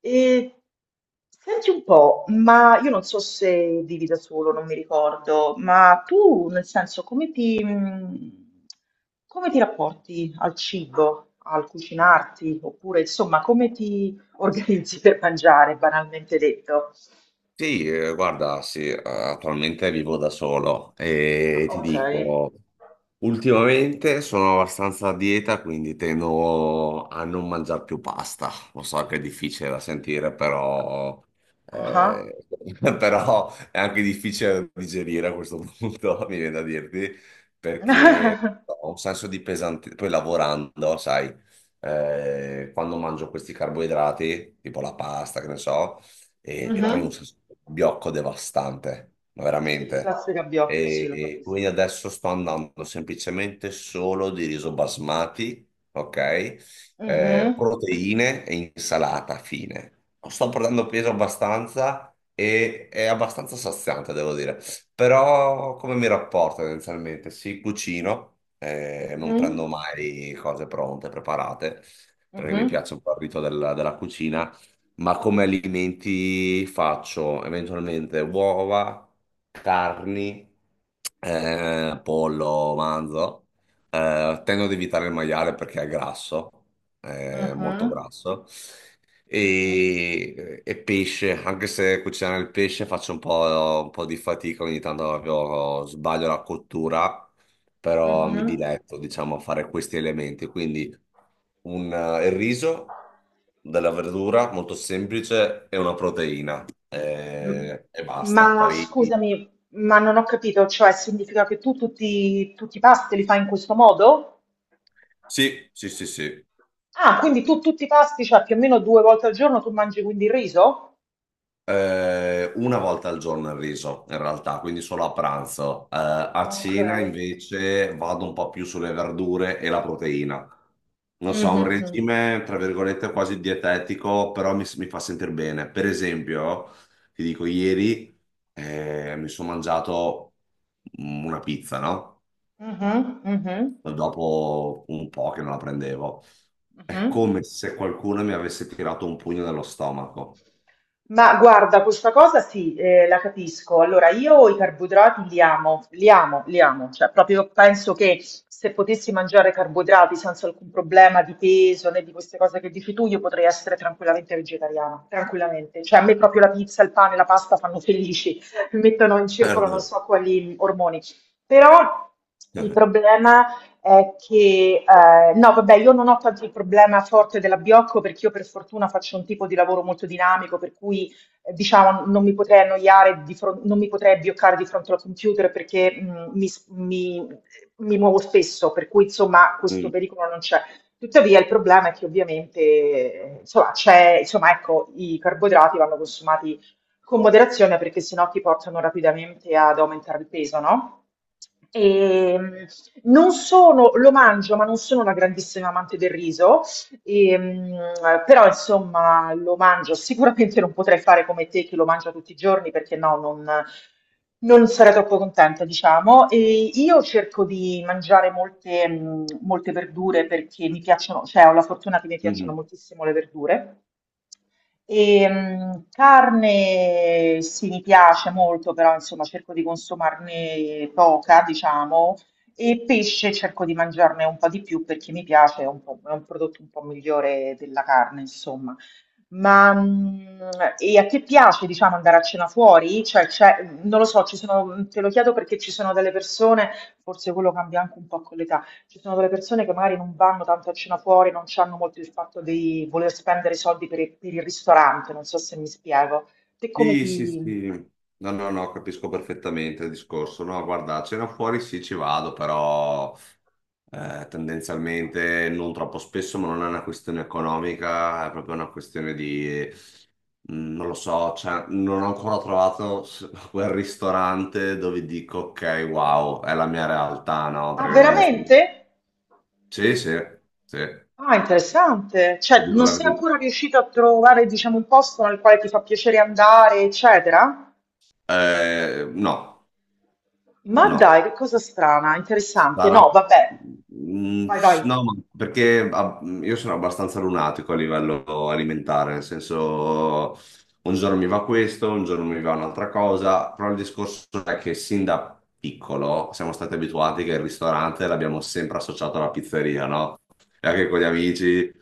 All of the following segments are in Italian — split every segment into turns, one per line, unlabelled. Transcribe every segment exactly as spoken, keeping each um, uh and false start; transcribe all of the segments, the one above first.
E senti un po', ma io non so se vivi da solo, non mi ricordo, ma tu nel senso come ti, mh, come ti rapporti al cibo, al cucinarti, oppure insomma come ti organizzi per mangiare, banalmente detto?
Sì, eh, guarda, sì, eh, attualmente vivo da solo e ti
Ok.
dico. Ultimamente sono abbastanza a dieta, quindi tendo a non mangiare più pasta. Lo so che è difficile da sentire, però,
Ah.
eh, però è anche difficile da digerire a questo punto, mi viene da dirti, perché ho un senso di pesantezza. Poi lavorando, sai, eh, quando mangio questi carboidrati, tipo la pasta, che ne so, e, e poi un
Mhm.
senso di blocco devastante, ma
Sì,
veramente.
classe gabbiotto, sì,
E,
lo
e quindi
capisco.
adesso sto andando semplicemente solo di riso basmati, ok? Eh,
Mhm.
proteine e insalata, fine. Sto portando peso abbastanza e è abbastanza saziante, devo dire. Però come mi rapporto tendenzialmente? Sì, cucino, eh, non prendo
Mhm.
mai cose pronte, preparate, perché mi
Mhm.
piace un po' il rito della, della cucina ma come alimenti faccio? Eventualmente uova, carni, eh, pollo, manzo. Eh, tendo ad evitare il maiale perché è grasso, è molto
Mhm.
grasso.
Mhm.
E, e pesce, anche se cucinare il pesce faccio un po', un po' di fatica, ogni tanto proprio sbaglio la cottura, però mi
Mhm.
diletto, diciamo, a fare questi elementi. Quindi un, eh, il riso, della verdura molto semplice e una proteina
M-
eh, e basta.
Ma
Poi
scusami, ma non ho capito, cioè significa che tu tutti, tutti i pasti li fai in questo modo?
sì, sì, sì, sì.
Ah, quindi tu tutti i pasti, cioè più o meno due volte al giorno tu mangi quindi il riso?
Eh, una volta al giorno il riso, in realtà, quindi solo a pranzo. Eh, a
Ok.
cena invece vado un po' più sulle verdure e la proteina. Non so,
Mhm,
un
mhm.
regime, tra virgolette, quasi dietetico, però mi, mi fa sentire bene. Per esempio, ti dico, ieri eh, mi sono mangiato mm, una pizza, no?
Mhm, mhm,
Dopo un po' che non la prendevo. È
mhm.
come se qualcuno mi avesse tirato un pugno nello stomaco.
Ma guarda, questa cosa sì, eh, la capisco. Allora, io i carboidrati li amo, li amo, li amo. Cioè, proprio penso che se potessi mangiare carboidrati senza alcun problema di peso né di queste cose che dici tu, io potrei essere tranquillamente vegetariana, tranquillamente. Cioè, a me proprio la pizza, il pane, la pasta fanno felici, mi mettono in circolo
Certo.
non so quali ormoni. Però il problema è che, eh, no, vabbè, io non ho tanto il problema forte dell'abbiocco perché io per fortuna faccio un tipo di lavoro molto dinamico, per cui eh, diciamo non mi potrei annoiare, di fron- non mi potrei abbioccare di fronte al computer perché mh, mi, s- mi- mi muovo spesso, per cui insomma questo
Mm,
pericolo non c'è. Tuttavia il problema è che ovviamente eh, insomma, c'è, insomma, ecco, i carboidrati vanno consumati con moderazione perché sennò ti portano rapidamente ad aumentare il peso, no? E, mh, non sono, lo mangio, ma non sono una grandissima amante del riso, e, mh, però insomma lo mangio. Sicuramente non potrei fare come te che lo mangia tutti i giorni perché no, non, non sarei troppo contenta, diciamo. E io cerco di mangiare molte, mh, molte verdure perché mi piacciono, cioè ho la fortuna che mi piacciono
mhm.
moltissimo le verdure. E, mh, carne sì, mi piace molto, però insomma cerco di consumarne poca, diciamo, e pesce cerco di mangiarne un po' di più perché mi piace, è un po'- è un prodotto un po' migliore della carne, insomma. Ma mh, e a te piace, diciamo, andare a cena fuori? Cioè, c'è- non lo so, ci sono, te lo chiedo perché ci sono delle persone, forse quello cambia anche un po' con l'età. Ci sono delle persone che magari non vanno tanto a cena fuori, non hanno molto il fatto di voler spendere i soldi per il, per il ristorante, non so se mi spiego. Te come
Sì, sì,
ti...
sì. No, no, no, capisco perfettamente il discorso. No, guarda, a cena fuori sì, ci vado, però eh, tendenzialmente non troppo spesso, ma non è una questione economica, è proprio una questione di, mm, non lo so, cioè, non ho ancora trovato s- quel ristorante dove dico, ok, wow, è la mia realtà, no?
Ah,
Perché tendenzialmente.
veramente?
Sì, sì, sì,
Ah, interessante.
ti
Cioè,
dico
non
la
sei
verità.
ancora riuscito a trovare, diciamo, un posto nel quale ti fa piacere andare, eccetera?
Eh, no,
Ma
no.
dai, che cosa strana, interessante. No,
Sarà.
vabbè.
Mm,
Vai,
s-
vai.
No, ma perché ah, io sono abbastanza lunatico a livello alimentare, nel senso un giorno mi va questo, un giorno mi va un'altra cosa, però il discorso è che sin da piccolo siamo stati abituati che il ristorante l'abbiamo sempre associato alla pizzeria, no? E anche con gli amici.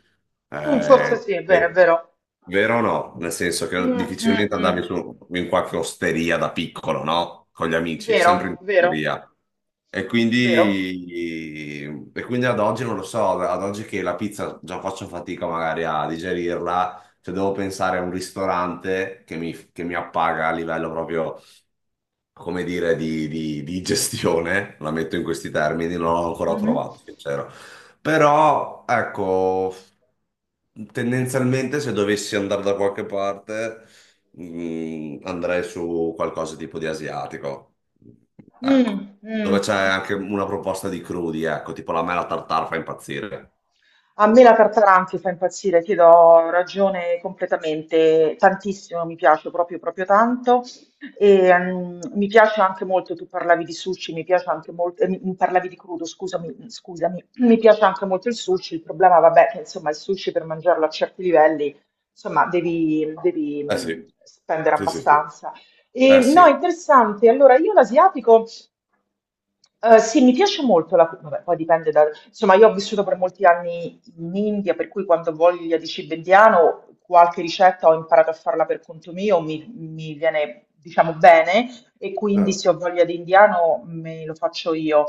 Mm, forse
eh,
sì, è vero, è
eh,
vero.
vero o no? Nel senso
Mm,
che
mm,
difficilmente andavi
mm.
su in qualche osteria da piccolo, no? Con gli amici,
Vero,
sempre in
vero,
osteria. E
vero.
quindi, e quindi ad oggi non lo so, ad oggi che la pizza già faccio fatica magari a digerirla, cioè devo pensare a un ristorante che mi, che mi appaga a livello proprio come dire, di, di- di gestione, la metto in questi termini, non l'ho ancora
Mhm.
trovato, sincero. Però, ecco, tendenzialmente se dovessi andare da qualche parte, mh, andrei su qualcosa tipo di asiatico. Ecco,
Mh, mh,
dove c'è
mh.
anche una proposta di crudi, ecco, tipo la mela tartare fa impazzire.
A me la Tartaranchi fa impazzire, ti do ragione completamente, tantissimo mi piace, proprio, proprio tanto. E, mm, mi piace anche molto, tu parlavi di sushi, mi piace anche molto, eh, mi- mi parlavi di crudo, scusami, scusami, mi piace anche molto il sushi, il problema, vabbè, che insomma il sushi per mangiarlo a certi livelli, insomma, devi, devi
Eh
mm,
sì,
spendere
sì, sì, sì.
abbastanza.
Eh
E, no,
sì.
interessante, allora io l'asiatico... Eh, sì, mi piace molto la, vabbè, poi dipende da, insomma, io ho vissuto per molti anni in India, per cui quando ho voglia di cibo indiano, qualche ricetta ho imparato a farla per conto mio, mi, mi viene, diciamo, bene, e quindi
Eh.
se ho voglia di indiano me lo faccio io.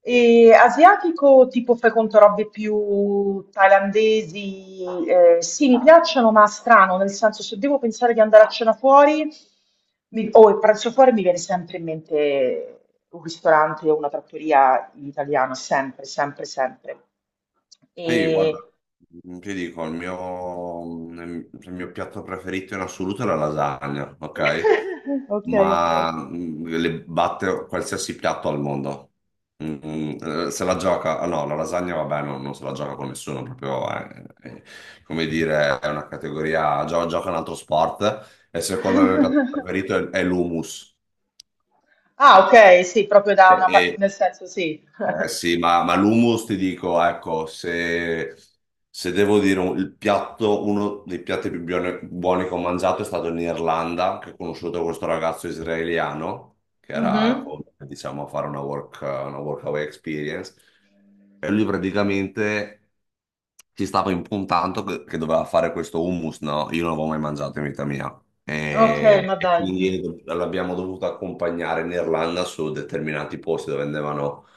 E asiatico, tipo fai conto robe più thailandesi, eh, sì, mi piacciono, ma strano, nel senso se devo pensare di andare a cena fuori mi- o il pranzo fuori mi viene sempre in mente un ristorante o una trattoria italiana, sempre, sempre, sempre.
Sì, guarda,
E...
mm, ti dico, il mio, il mio piatto preferito in assoluto è la lasagna, ok?
Ok, ok.
Ma mm, le batte qualsiasi piatto al mondo. Mm, eh, se la gioca, ah, no, la lasagna vabbè, non, non se la gioca con nessuno, proprio è, è- come dire, è una categoria, gio- gioca un altro sport e secondo me il mio piatto preferito è, è l'hummus.
Ah, ok, sì, proprio da una parte,
E,
nel senso sì.
eh sì, ma, ma l'hummus ti dico, ecco, se, se devo dire un- il piatto, uno dei piatti più buone- buoni che ho mangiato è stato in Irlanda, che ho conosciuto questo ragazzo israeliano, che era,
Mhm.
con- diciamo, a fare una work, una workaway experience, e lui praticamente ci stava impuntando che, che doveva fare questo hummus, no? Io non l'avevo mai mangiato in vita mia.
Ok,
E,
ma
e
dai. Mhm.
quindi l'abbiamo dovuto accompagnare in Irlanda su determinati posti dove andavano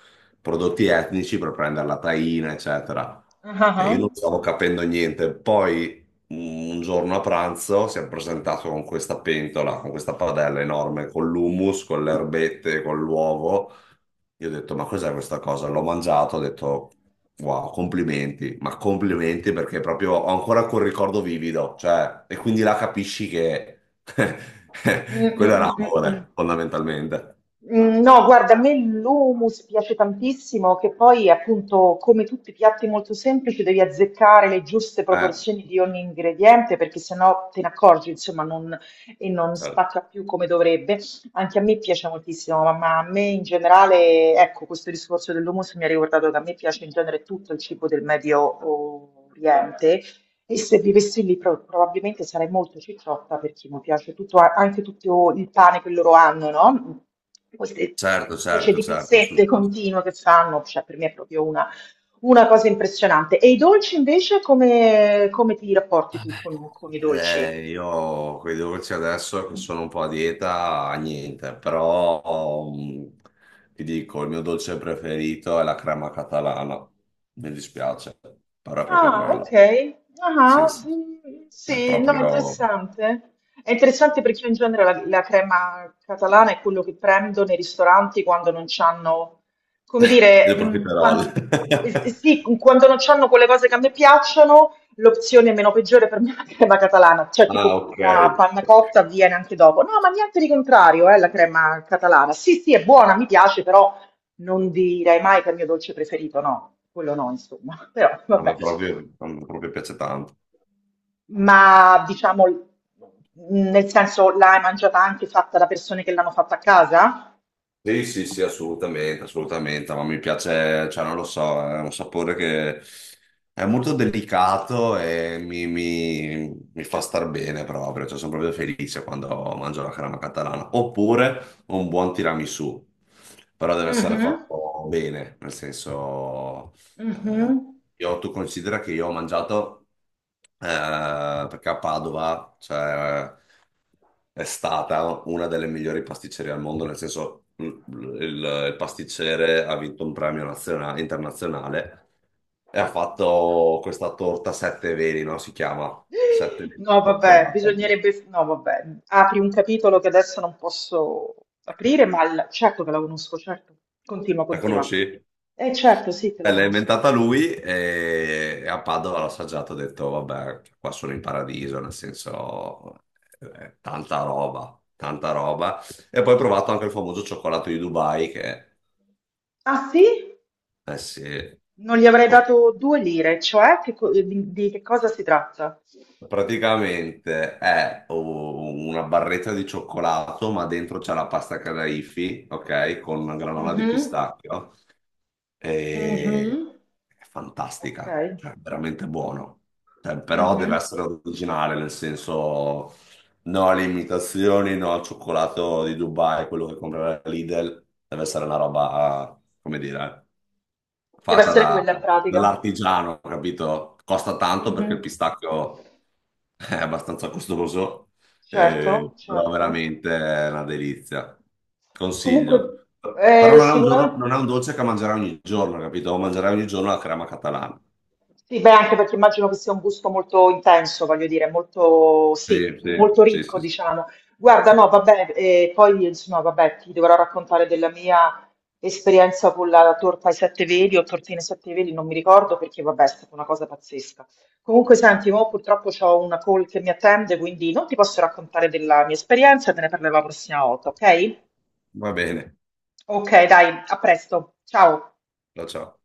prodotti etnici per prendere la taina, eccetera.
Ah, ah,
E io non
ah.
stavo capendo niente. Poi mm, un giorno a pranzo si è presentato con questa pentola, con questa padella enorme, con l'hummus, con le erbette, con l'uovo. Io ho detto, ma cos'è questa cosa? L'ho mangiato, ho detto, wow, complimenti, ma complimenti perché proprio ho ancora quel ricordo vivido, cioè, e quindi là capisci che
Mm,
quello
mm,
era
mm, mm, mm.
amore, fondamentalmente.
Mm, no, guarda, a me l'hummus piace tantissimo, che poi appunto come tutti i piatti molto semplici devi azzeccare le giuste
Eh,
proporzioni di ogni ingrediente perché sennò te ne accorgi, insomma, non, e non
certo.
spacca più come dovrebbe. Anche a me piace moltissimo, ma, ma a me in generale, ecco, questo discorso dell'hummus mi ha ricordato che a me piace in genere tutto il cibo del Medio Oriente e se vivessi lì pro- probabilmente sarei molto cicciotta perché mi piace tutto, a- anche tutto il pane che loro hanno, no? Queste
Certo,
specie
certo,
di
certo.
pizzette
assu-
continue che fanno, cioè per me è proprio una, una cosa impressionante. E i dolci invece come, come ti rapporti tu con, con i dolci?
Eh, io quei devo dirti adesso che sono un po' a dieta, niente, però mm, ti dico, il mio dolce preferito è la crema catalana. Mi dispiace, però è proprio
Ah,
quello.
ok.
Sì,
Ah,
sì, sì.
sì,
È
sì, no,
proprio
interessante. È interessante perché io in genere la, la crema catalana è quello che prendo nei ristoranti quando non c'hanno, come dire,
il
mh,
profiterol.
quan- eh, eh, sì, quando non c'hanno quelle cose che a me piacciono, l'opzione meno peggiore per me è la crema catalana, cioè
Ah,
tipo
ok.
la panna cotta avviene anche dopo. No, ma niente di contrario, eh, la crema catalana. Sì, sì, è buona, mi piace, però non direi mai che è il mio dolce preferito, no, quello no, insomma, però
A
vabbè.
me proprio, a me proprio piace tanto.
Ma diciamo, mh, nel senso, l'hai mangiata anche fatta da persone che l'hanno fatta a casa?
Sì, sì, sì, assolutamente, assolutamente, ma mi piace, cioè non lo so, è un sapore che è molto delicato e mi, mi- mi fa star bene proprio, cioè sono proprio felice quando mangio la crema catalana, oppure un buon tiramisù, però deve essere
Mhm,
fatto bene, nel senso eh,
mhm.
io, tu considera che io ho mangiato, eh, perché a Padova, cioè, è stata una delle migliori pasticcerie al mondo, nel senso, l- l- il, il pasticcere ha vinto un premio nazionale, internazionale e ha fatto questa torta sette veli, no? Si chiama sette veli di
No, vabbè,
cioccolata. No?
bisognerebbe... No, vabbè, apri un capitolo che adesso non posso aprire, ma il- certo che la conosco, certo. Continua,
La
continua.
conosci?
Eh, certo, sì, che la
Eh, l'ha
conosco.
inventata lui e a Padova l'ho assaggiato, ho detto, vabbè, qua sono in paradiso, nel senso, eh, tanta roba, tanta roba. E poi ho provato anche il famoso cioccolato di Dubai, che,
Ah, sì?
eh sì.
Non gli avrei dato due lire, cioè che co- di, di che cosa si tratta?
Praticamente è u- una barretta di cioccolato, ma dentro c'è la pasta Kadaifi, ok? Con una granola di
Mhm.
pistacchio. E...
Mhm.
È
Ok.
fantastica, cioè veramente buono. Cioè, però deve
Mhm.
essere originale, nel senso no alle imitazioni, no al cioccolato di Dubai, quello che compra la Lidl. Deve essere una roba, come dire
Deve
fatta
essere
da-
quella in pratica.
dall'artigiano, capito? Costa tanto perché il
Mhm.
pistacchio è abbastanza costoso, eh,
Certo,
però
certo.
veramente è una delizia.
Comunque,
Consiglio. Però
eh,
non è un giorno-
sicuramente.
non è un dolce che mangerai ogni giorno, capito? Mangerai ogni giorno la crema catalana.
Sì, beh, anche perché immagino che sia un gusto molto intenso, voglio dire, molto, sì,
Sì, sì,
molto
sì,
ricco,
sì. Sì.
diciamo. Guarda,
Cioè,
no, vabbè, eh, poi insomma, vabbè, ti dovrò raccontare della mia esperienza con la torta ai sette veli o tortine ai sette veli, non mi ricordo perché, vabbè, è stata una cosa pazzesca. Comunque, senti, mo purtroppo ho una call che mi attende, quindi non ti posso raccontare della mia esperienza, te ne parlerò la prossima volta, ok?
va bene.
Ok, dai, a presto, ciao.
Ciao, ciao.